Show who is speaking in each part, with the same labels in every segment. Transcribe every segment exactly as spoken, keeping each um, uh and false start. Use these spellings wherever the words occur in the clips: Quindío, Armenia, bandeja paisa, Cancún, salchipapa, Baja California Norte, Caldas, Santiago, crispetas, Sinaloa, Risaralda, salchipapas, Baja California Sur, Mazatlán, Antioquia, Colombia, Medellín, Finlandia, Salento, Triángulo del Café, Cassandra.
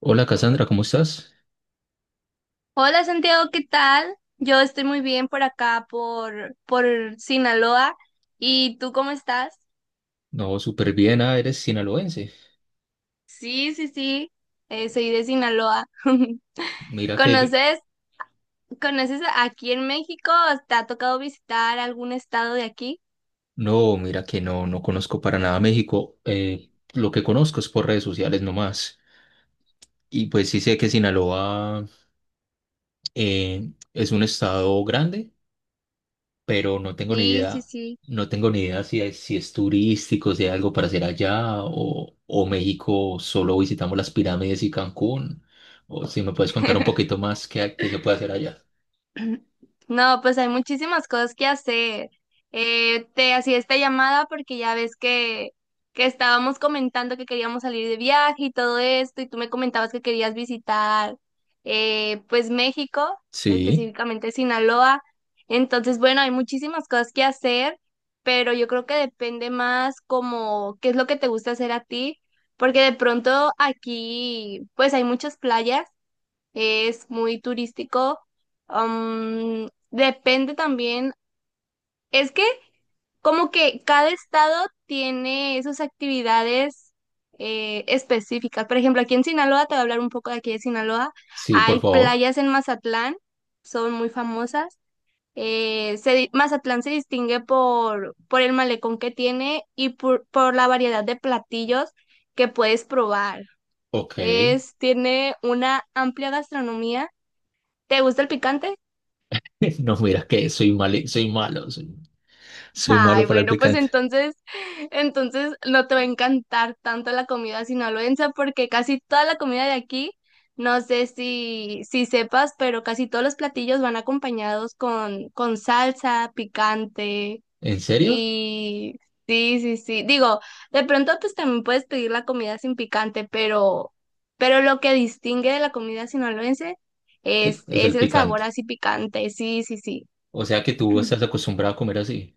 Speaker 1: Hola Cassandra, ¿cómo estás?
Speaker 2: Hola Santiago, ¿qué tal? Yo estoy muy bien por acá, por, por Sinaloa. ¿Y tú cómo estás?
Speaker 1: No, súper bien, ah, eres sinaloense.
Speaker 2: Sí, sí, sí, eh, soy de Sinaloa.
Speaker 1: Mira que yo,
Speaker 2: ¿Conoces, ¿conoces aquí en México? ¿Te ha tocado visitar algún estado de aquí?
Speaker 1: no, mira que no, no conozco para nada México. Eh, lo que conozco es por redes sociales nomás. Y pues sí sé que Sinaloa eh, es un estado grande, pero no tengo ni
Speaker 2: Sí, sí,
Speaker 1: idea,
Speaker 2: sí.
Speaker 1: no tengo ni idea si es, si es turístico, si hay algo para hacer allá, o, o México solo visitamos las pirámides y Cancún. O si me puedes contar un poquito más qué, qué se puede hacer allá.
Speaker 2: No, pues hay muchísimas cosas que hacer. Eh, te hacía esta llamada porque ya ves que, que estábamos comentando que queríamos salir de viaje y todo esto, y tú me comentabas que querías visitar eh, pues México,
Speaker 1: Sí,
Speaker 2: específicamente Sinaloa. Entonces, bueno, hay muchísimas cosas que hacer, pero yo creo que depende más como qué es lo que te gusta hacer a ti, porque de pronto aquí pues hay muchas playas, es muy turístico. Um, depende también, es que como que cada estado tiene sus actividades eh, específicas. Por ejemplo, aquí en Sinaloa, te voy a hablar un poco de aquí de Sinaloa,
Speaker 1: sí, por
Speaker 2: hay
Speaker 1: favor.
Speaker 2: playas en Mazatlán, son muy famosas. Eh, se di- Mazatlán se distingue por, por el malecón que tiene y por, por la variedad de platillos que puedes probar.
Speaker 1: Ok.
Speaker 2: Es, tiene una amplia gastronomía. ¿Te gusta el picante?
Speaker 1: No, mira que soy mal, soy malo, soy, soy malo
Speaker 2: Ay,
Speaker 1: para el
Speaker 2: bueno, pues
Speaker 1: picante.
Speaker 2: entonces, entonces no te va a encantar tanto la comida sinaloense porque casi toda la comida de aquí, no sé si, si sepas, pero casi todos los platillos van acompañados con, con salsa, picante
Speaker 1: ¿En serio?
Speaker 2: y sí, sí, sí. Digo, de pronto pues también puedes pedir la comida sin picante, pero, pero lo que distingue de la comida sinaloense
Speaker 1: Es,
Speaker 2: es,
Speaker 1: es
Speaker 2: es
Speaker 1: el
Speaker 2: el
Speaker 1: picante.
Speaker 2: sabor así picante, sí, sí, sí.
Speaker 1: O sea que tú estás acostumbrado a comer así.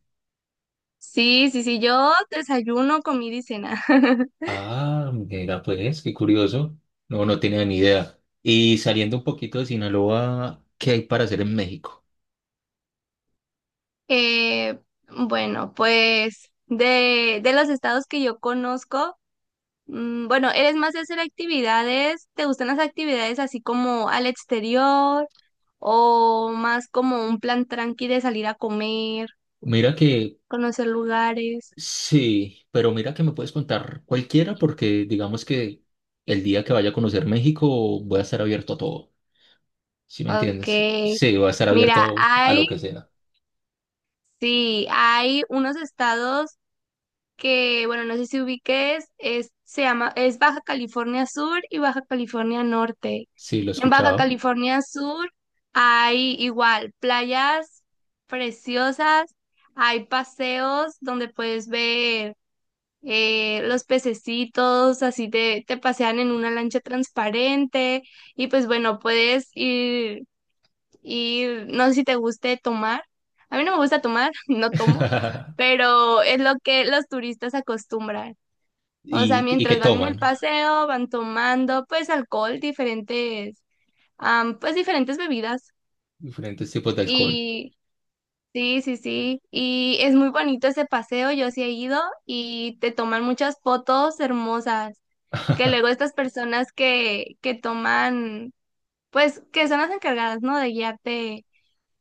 Speaker 2: Sí, sí, sí, yo desayuno, comida y cena.
Speaker 1: Ah, mira, pues, qué curioso. No, no tenía ni idea. Y saliendo un poquito de Sinaloa, ¿qué hay para hacer en México?
Speaker 2: Eh, bueno, pues de, de los estados que yo conozco, mm, bueno, ¿eres más de hacer actividades? ¿Te gustan las actividades así como al exterior o más como un plan tranqui de salir a comer,
Speaker 1: Mira que
Speaker 2: conocer lugares?
Speaker 1: sí, pero mira que me puedes contar cualquiera porque digamos que el día que vaya a conocer México voy a estar abierto a todo. ¿Sí me
Speaker 2: Ok,
Speaker 1: entiendes? Sí, voy a estar
Speaker 2: mira,
Speaker 1: abierto a lo
Speaker 2: hay,
Speaker 1: que sea.
Speaker 2: sí, hay unos estados que, bueno, no sé si ubiques, es, se llama, es Baja California Sur y Baja California Norte.
Speaker 1: Sí, lo he
Speaker 2: En Baja
Speaker 1: escuchado.
Speaker 2: California Sur hay igual playas preciosas, hay paseos donde puedes ver eh, los pececitos, así te, te pasean en una lancha transparente y pues bueno, puedes ir y no sé si te guste tomar. A mí no me gusta tomar, no tomo, pero es lo que los turistas acostumbran. O sea,
Speaker 1: ¿Y, y qué
Speaker 2: mientras van en el
Speaker 1: toman?
Speaker 2: paseo, van tomando pues alcohol, diferentes, am, pues diferentes bebidas.
Speaker 1: Diferentes tipos de alcohol.
Speaker 2: Y sí, sí, sí. Y es muy bonito ese paseo, yo sí he ido y te toman muchas fotos hermosas. Que luego estas personas que, que toman, pues que son las encargadas, ¿no? De guiarte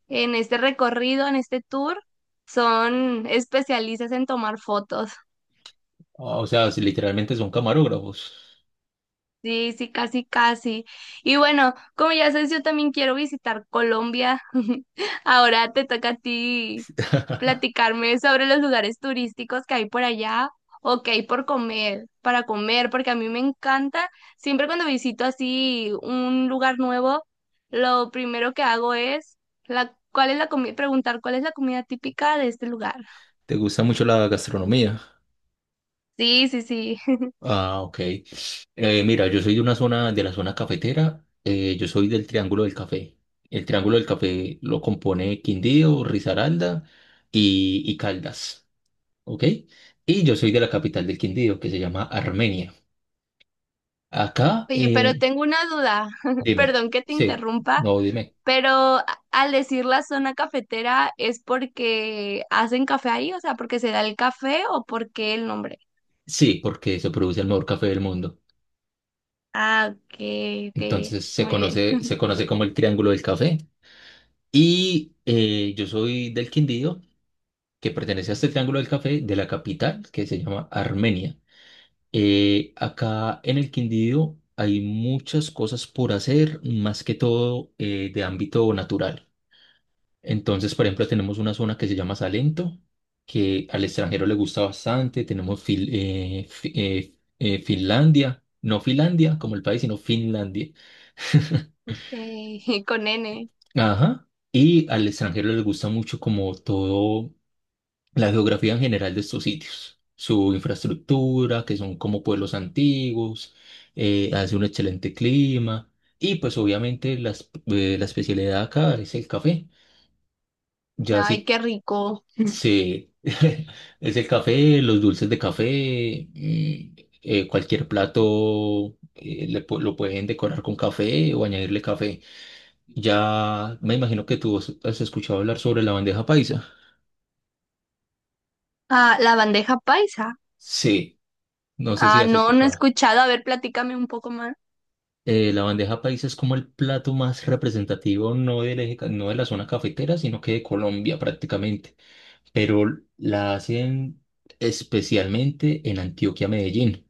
Speaker 2: en este recorrido, en este tour, son especialistas en tomar fotos.
Speaker 1: O sea, si literalmente son camarógrafos.
Speaker 2: Sí, sí, casi, casi. Y bueno, como ya sabes, yo también quiero visitar Colombia. Ahora te toca a ti platicarme sobre los lugares turísticos que hay por allá o que hay por comer, para comer, porque a mí me encanta. Siempre cuando visito así un lugar nuevo, lo primero que hago es la, ¿cuál es la comida? Preguntar cuál es la comida típica de este lugar.
Speaker 1: ¿Te gusta mucho la gastronomía?
Speaker 2: Sí, sí, sí.
Speaker 1: Ah, ok. Eh, mira, yo soy de una zona, de la zona cafetera. Eh, yo soy del Triángulo del Café. El Triángulo del Café lo compone Quindío, Risaralda y, y Caldas. ¿Ok? Y yo soy de la capital del Quindío, que se llama Armenia. Acá,
Speaker 2: Oye, pero
Speaker 1: eh,
Speaker 2: tengo una duda.
Speaker 1: dime.
Speaker 2: Perdón que te
Speaker 1: Sí,
Speaker 2: interrumpa,
Speaker 1: no, dime.
Speaker 2: pero a- al decir la zona cafetera es porque hacen café ahí, o sea, porque se da el café o porque el nombre.
Speaker 1: Sí, porque se produce el mejor café del mundo.
Speaker 2: Ah, ok, ok,
Speaker 1: Entonces se
Speaker 2: muy bien.
Speaker 1: conoce, se conoce como el Triángulo del Café. Y eh, yo soy del Quindío, que pertenece a este Triángulo del Café de la capital, que se llama Armenia. Eh, acá en el Quindío hay muchas cosas por hacer, más que todo eh, de ámbito natural. Entonces, por ejemplo, tenemos una zona que se llama Salento, que al extranjero le gusta bastante. Tenemos Fil- eh, Fi- eh, eh, Finlandia, no Finlandia como el país, sino Finlandia.
Speaker 2: Eh, con N.
Speaker 1: Ajá. Y al extranjero les gusta mucho como todo la geografía en general de estos sitios, su infraestructura, que son como pueblos antiguos, eh, hace un excelente clima y pues obviamente la, es- eh, la especialidad acá es el café. Ya
Speaker 2: Ay,
Speaker 1: si
Speaker 2: qué rico.
Speaker 1: sí, es el café, los dulces de café, mm, eh, cualquier plato eh, le pu- lo pueden decorar con café o añadirle café. Ya me imagino que tú has has escuchado hablar sobre la bandeja paisa.
Speaker 2: Ah, la bandeja paisa.
Speaker 1: Sí, no sé si
Speaker 2: Ah,
Speaker 1: has
Speaker 2: no, no he
Speaker 1: escuchado.
Speaker 2: escuchado. A ver, platícame un poco más.
Speaker 1: Eh, la bandeja paisa es como el plato más representativo, no del eje ca- no de la zona cafetera, sino que de Colombia prácticamente. Pero la hacen especialmente en Antioquia, Medellín.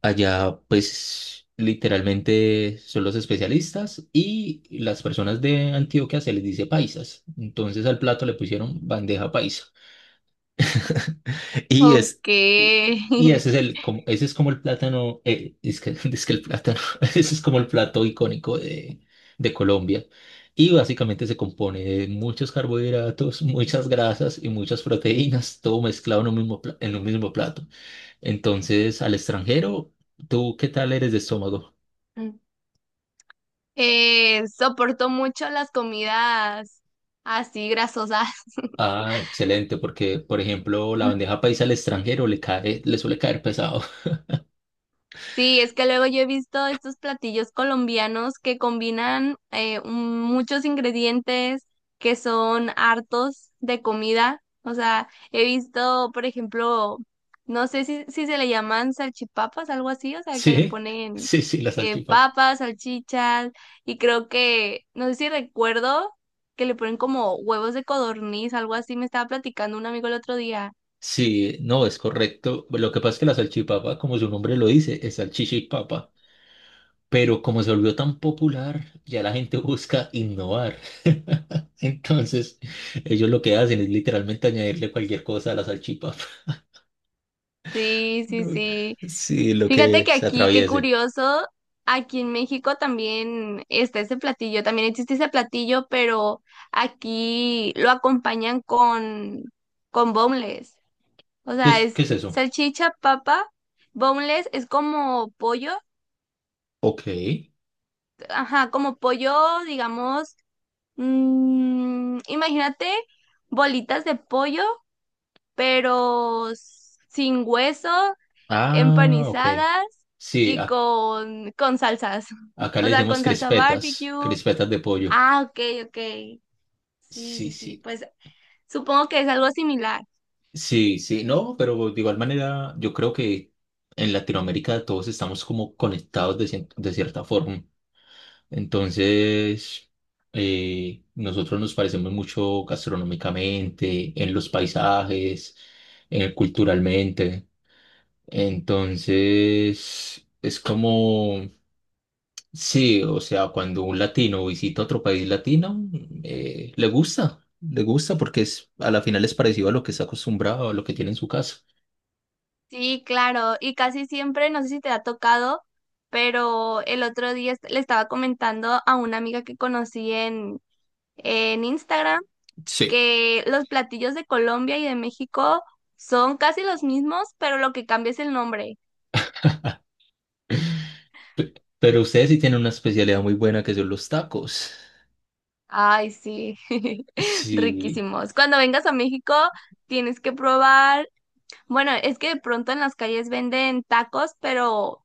Speaker 1: Allá, pues, literalmente son los especialistas y las personas de Antioquia se les dice paisas. Entonces al plato le pusieron bandeja paisa. Y es,
Speaker 2: Ok.
Speaker 1: y y ese es el, como, ese es como el plátano, eh, es que, es que el plátano, ese es como el plato icónico de, de Colombia. Y básicamente se compone de muchos carbohidratos, muchas grasas y muchas proteínas, todo mezclado en un mismo, pla- en un mismo plato. Entonces, al extranjero, ¿tú qué tal eres de estómago?
Speaker 2: Eh, soporto mucho las comidas así grasosas.
Speaker 1: Ah, excelente, porque por ejemplo la bandeja paisa al extranjero le cae, le suele caer pesado.
Speaker 2: Sí, es que luego yo he visto estos platillos colombianos que combinan eh, un- muchos ingredientes que son hartos de comida. O sea, he visto, por ejemplo, no sé si, si se le llaman salchipapas, algo así, o sea, que le
Speaker 1: Sí,
Speaker 2: ponen
Speaker 1: sí, sí, la
Speaker 2: eh,
Speaker 1: salchipapa.
Speaker 2: papas, salchichas, y creo que, no sé si recuerdo que le ponen como huevos de codorniz, algo así, me estaba platicando un amigo el otro día.
Speaker 1: Sí, no, es correcto. Lo que pasa es que la salchipapa, como su nombre lo dice, es salchicha y papa, pero como se volvió tan popular, ya la gente busca innovar. Entonces, ellos lo que hacen es literalmente añadirle cualquier cosa a la salchipapa.
Speaker 2: Sí, sí,
Speaker 1: No,
Speaker 2: sí.
Speaker 1: sí, lo
Speaker 2: Fíjate
Speaker 1: que
Speaker 2: que
Speaker 1: se
Speaker 2: aquí, qué
Speaker 1: atraviese.
Speaker 2: curioso, aquí en México también está ese platillo, también existe ese platillo, pero aquí lo acompañan con, con boneless. O
Speaker 1: ¿Qué
Speaker 2: sea,
Speaker 1: es,
Speaker 2: es
Speaker 1: qué es eso?
Speaker 2: salchicha, papa, boneless es como pollo,
Speaker 1: Ok.
Speaker 2: ajá, como pollo, digamos, mm, imagínate bolitas de pollo, pero sin hueso,
Speaker 1: Ah, ok.
Speaker 2: empanizadas
Speaker 1: Sí,
Speaker 2: y con, con salsas.
Speaker 1: acá le
Speaker 2: O sea,
Speaker 1: decimos
Speaker 2: con salsa
Speaker 1: crispetas,
Speaker 2: barbecue.
Speaker 1: crispetas de pollo.
Speaker 2: Ah, ok, ok. Sí,
Speaker 1: Sí,
Speaker 2: sí, sí.
Speaker 1: sí,
Speaker 2: Pues supongo que es algo similar.
Speaker 1: sí, sí, no, pero de igual manera yo creo que en Latinoamérica todos estamos como conectados de, cien- de cierta forma. Entonces, eh, nosotros nos parecemos mucho gastronómicamente, en los paisajes, eh, culturalmente. Entonces, es como sí, o sea, cuando un latino visita otro país latino, eh, le gusta, le gusta porque es, a la final es parecido a lo que está acostumbrado, a lo que tiene en su casa.
Speaker 2: Sí, claro. Y casi siempre, no sé si te ha tocado, pero el otro día est- le estaba comentando a una amiga que conocí en, en Instagram
Speaker 1: Sí.
Speaker 2: que los platillos de Colombia y de México son casi los mismos, pero lo que cambia es el nombre.
Speaker 1: Pe- Pero ustedes sí tienen una especialidad muy buena que son los tacos.
Speaker 2: Ay, sí,
Speaker 1: Sí,
Speaker 2: riquísimos. Cuando vengas a México, tienes que probar. Bueno, es que de pronto en las calles venden tacos, pero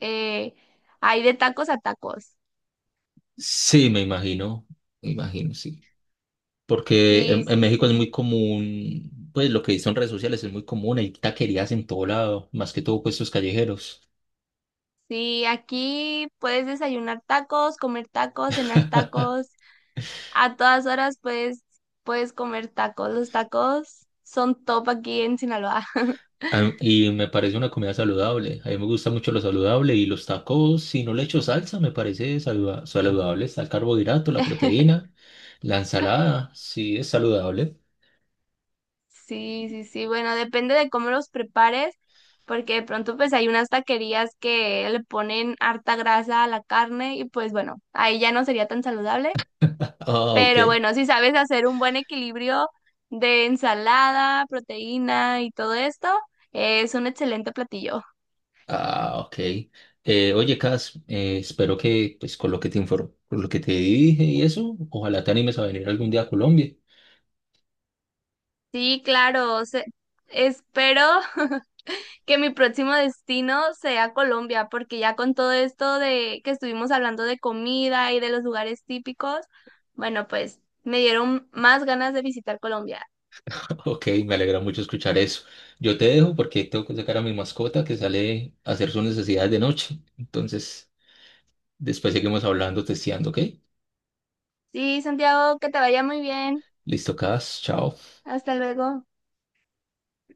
Speaker 2: eh, hay de tacos a tacos.
Speaker 1: sí, me imagino, me imagino, sí. Porque
Speaker 2: Sí,
Speaker 1: en, en
Speaker 2: sí,
Speaker 1: México es
Speaker 2: sí.
Speaker 1: muy común, pues lo que dicen redes sociales es muy común, hay taquerías en todo lado, más que todo puestos callejeros.
Speaker 2: Sí, aquí puedes desayunar tacos, comer tacos, cenar tacos. A todas horas puedes, puedes comer tacos. Los tacos son top aquí en Sinaloa.
Speaker 1: Am- Y me parece una comida saludable. A mí me gusta mucho lo saludable y los tacos, si no le echo salsa, me parece saluda- saludable. Está el carbohidrato, la proteína, la ensalada, sí es saludable.
Speaker 2: Sí, sí, sí. Bueno, depende de cómo los prepares, porque de pronto pues hay unas taquerías que le ponen harta grasa a la carne y pues bueno, ahí ya no sería tan saludable.
Speaker 1: Ah,
Speaker 2: Pero
Speaker 1: ok.
Speaker 2: bueno, si sabes hacer un buen equilibrio de ensalada, proteína y todo esto, es un excelente platillo.
Speaker 1: Ah, ok. Eh, oye, Cas, eh, espero que pues con lo que te informo, con lo que te dije y eso, ojalá te animes a venir algún día a Colombia.
Speaker 2: Sí, claro. Se- espero que mi próximo destino sea Colombia, porque ya con todo esto de que estuvimos hablando de comida y de los lugares típicos, bueno, pues me dieron más ganas de visitar Colombia.
Speaker 1: Ok, me alegra mucho escuchar eso. Yo te dejo porque tengo que sacar a mi mascota que sale a hacer sus necesidades de noche. Entonces... Después seguimos hablando, testeando, ¿ok?
Speaker 2: Sí, Santiago, que te vaya muy bien.
Speaker 1: Listo, Cas, chao.
Speaker 2: Hasta luego.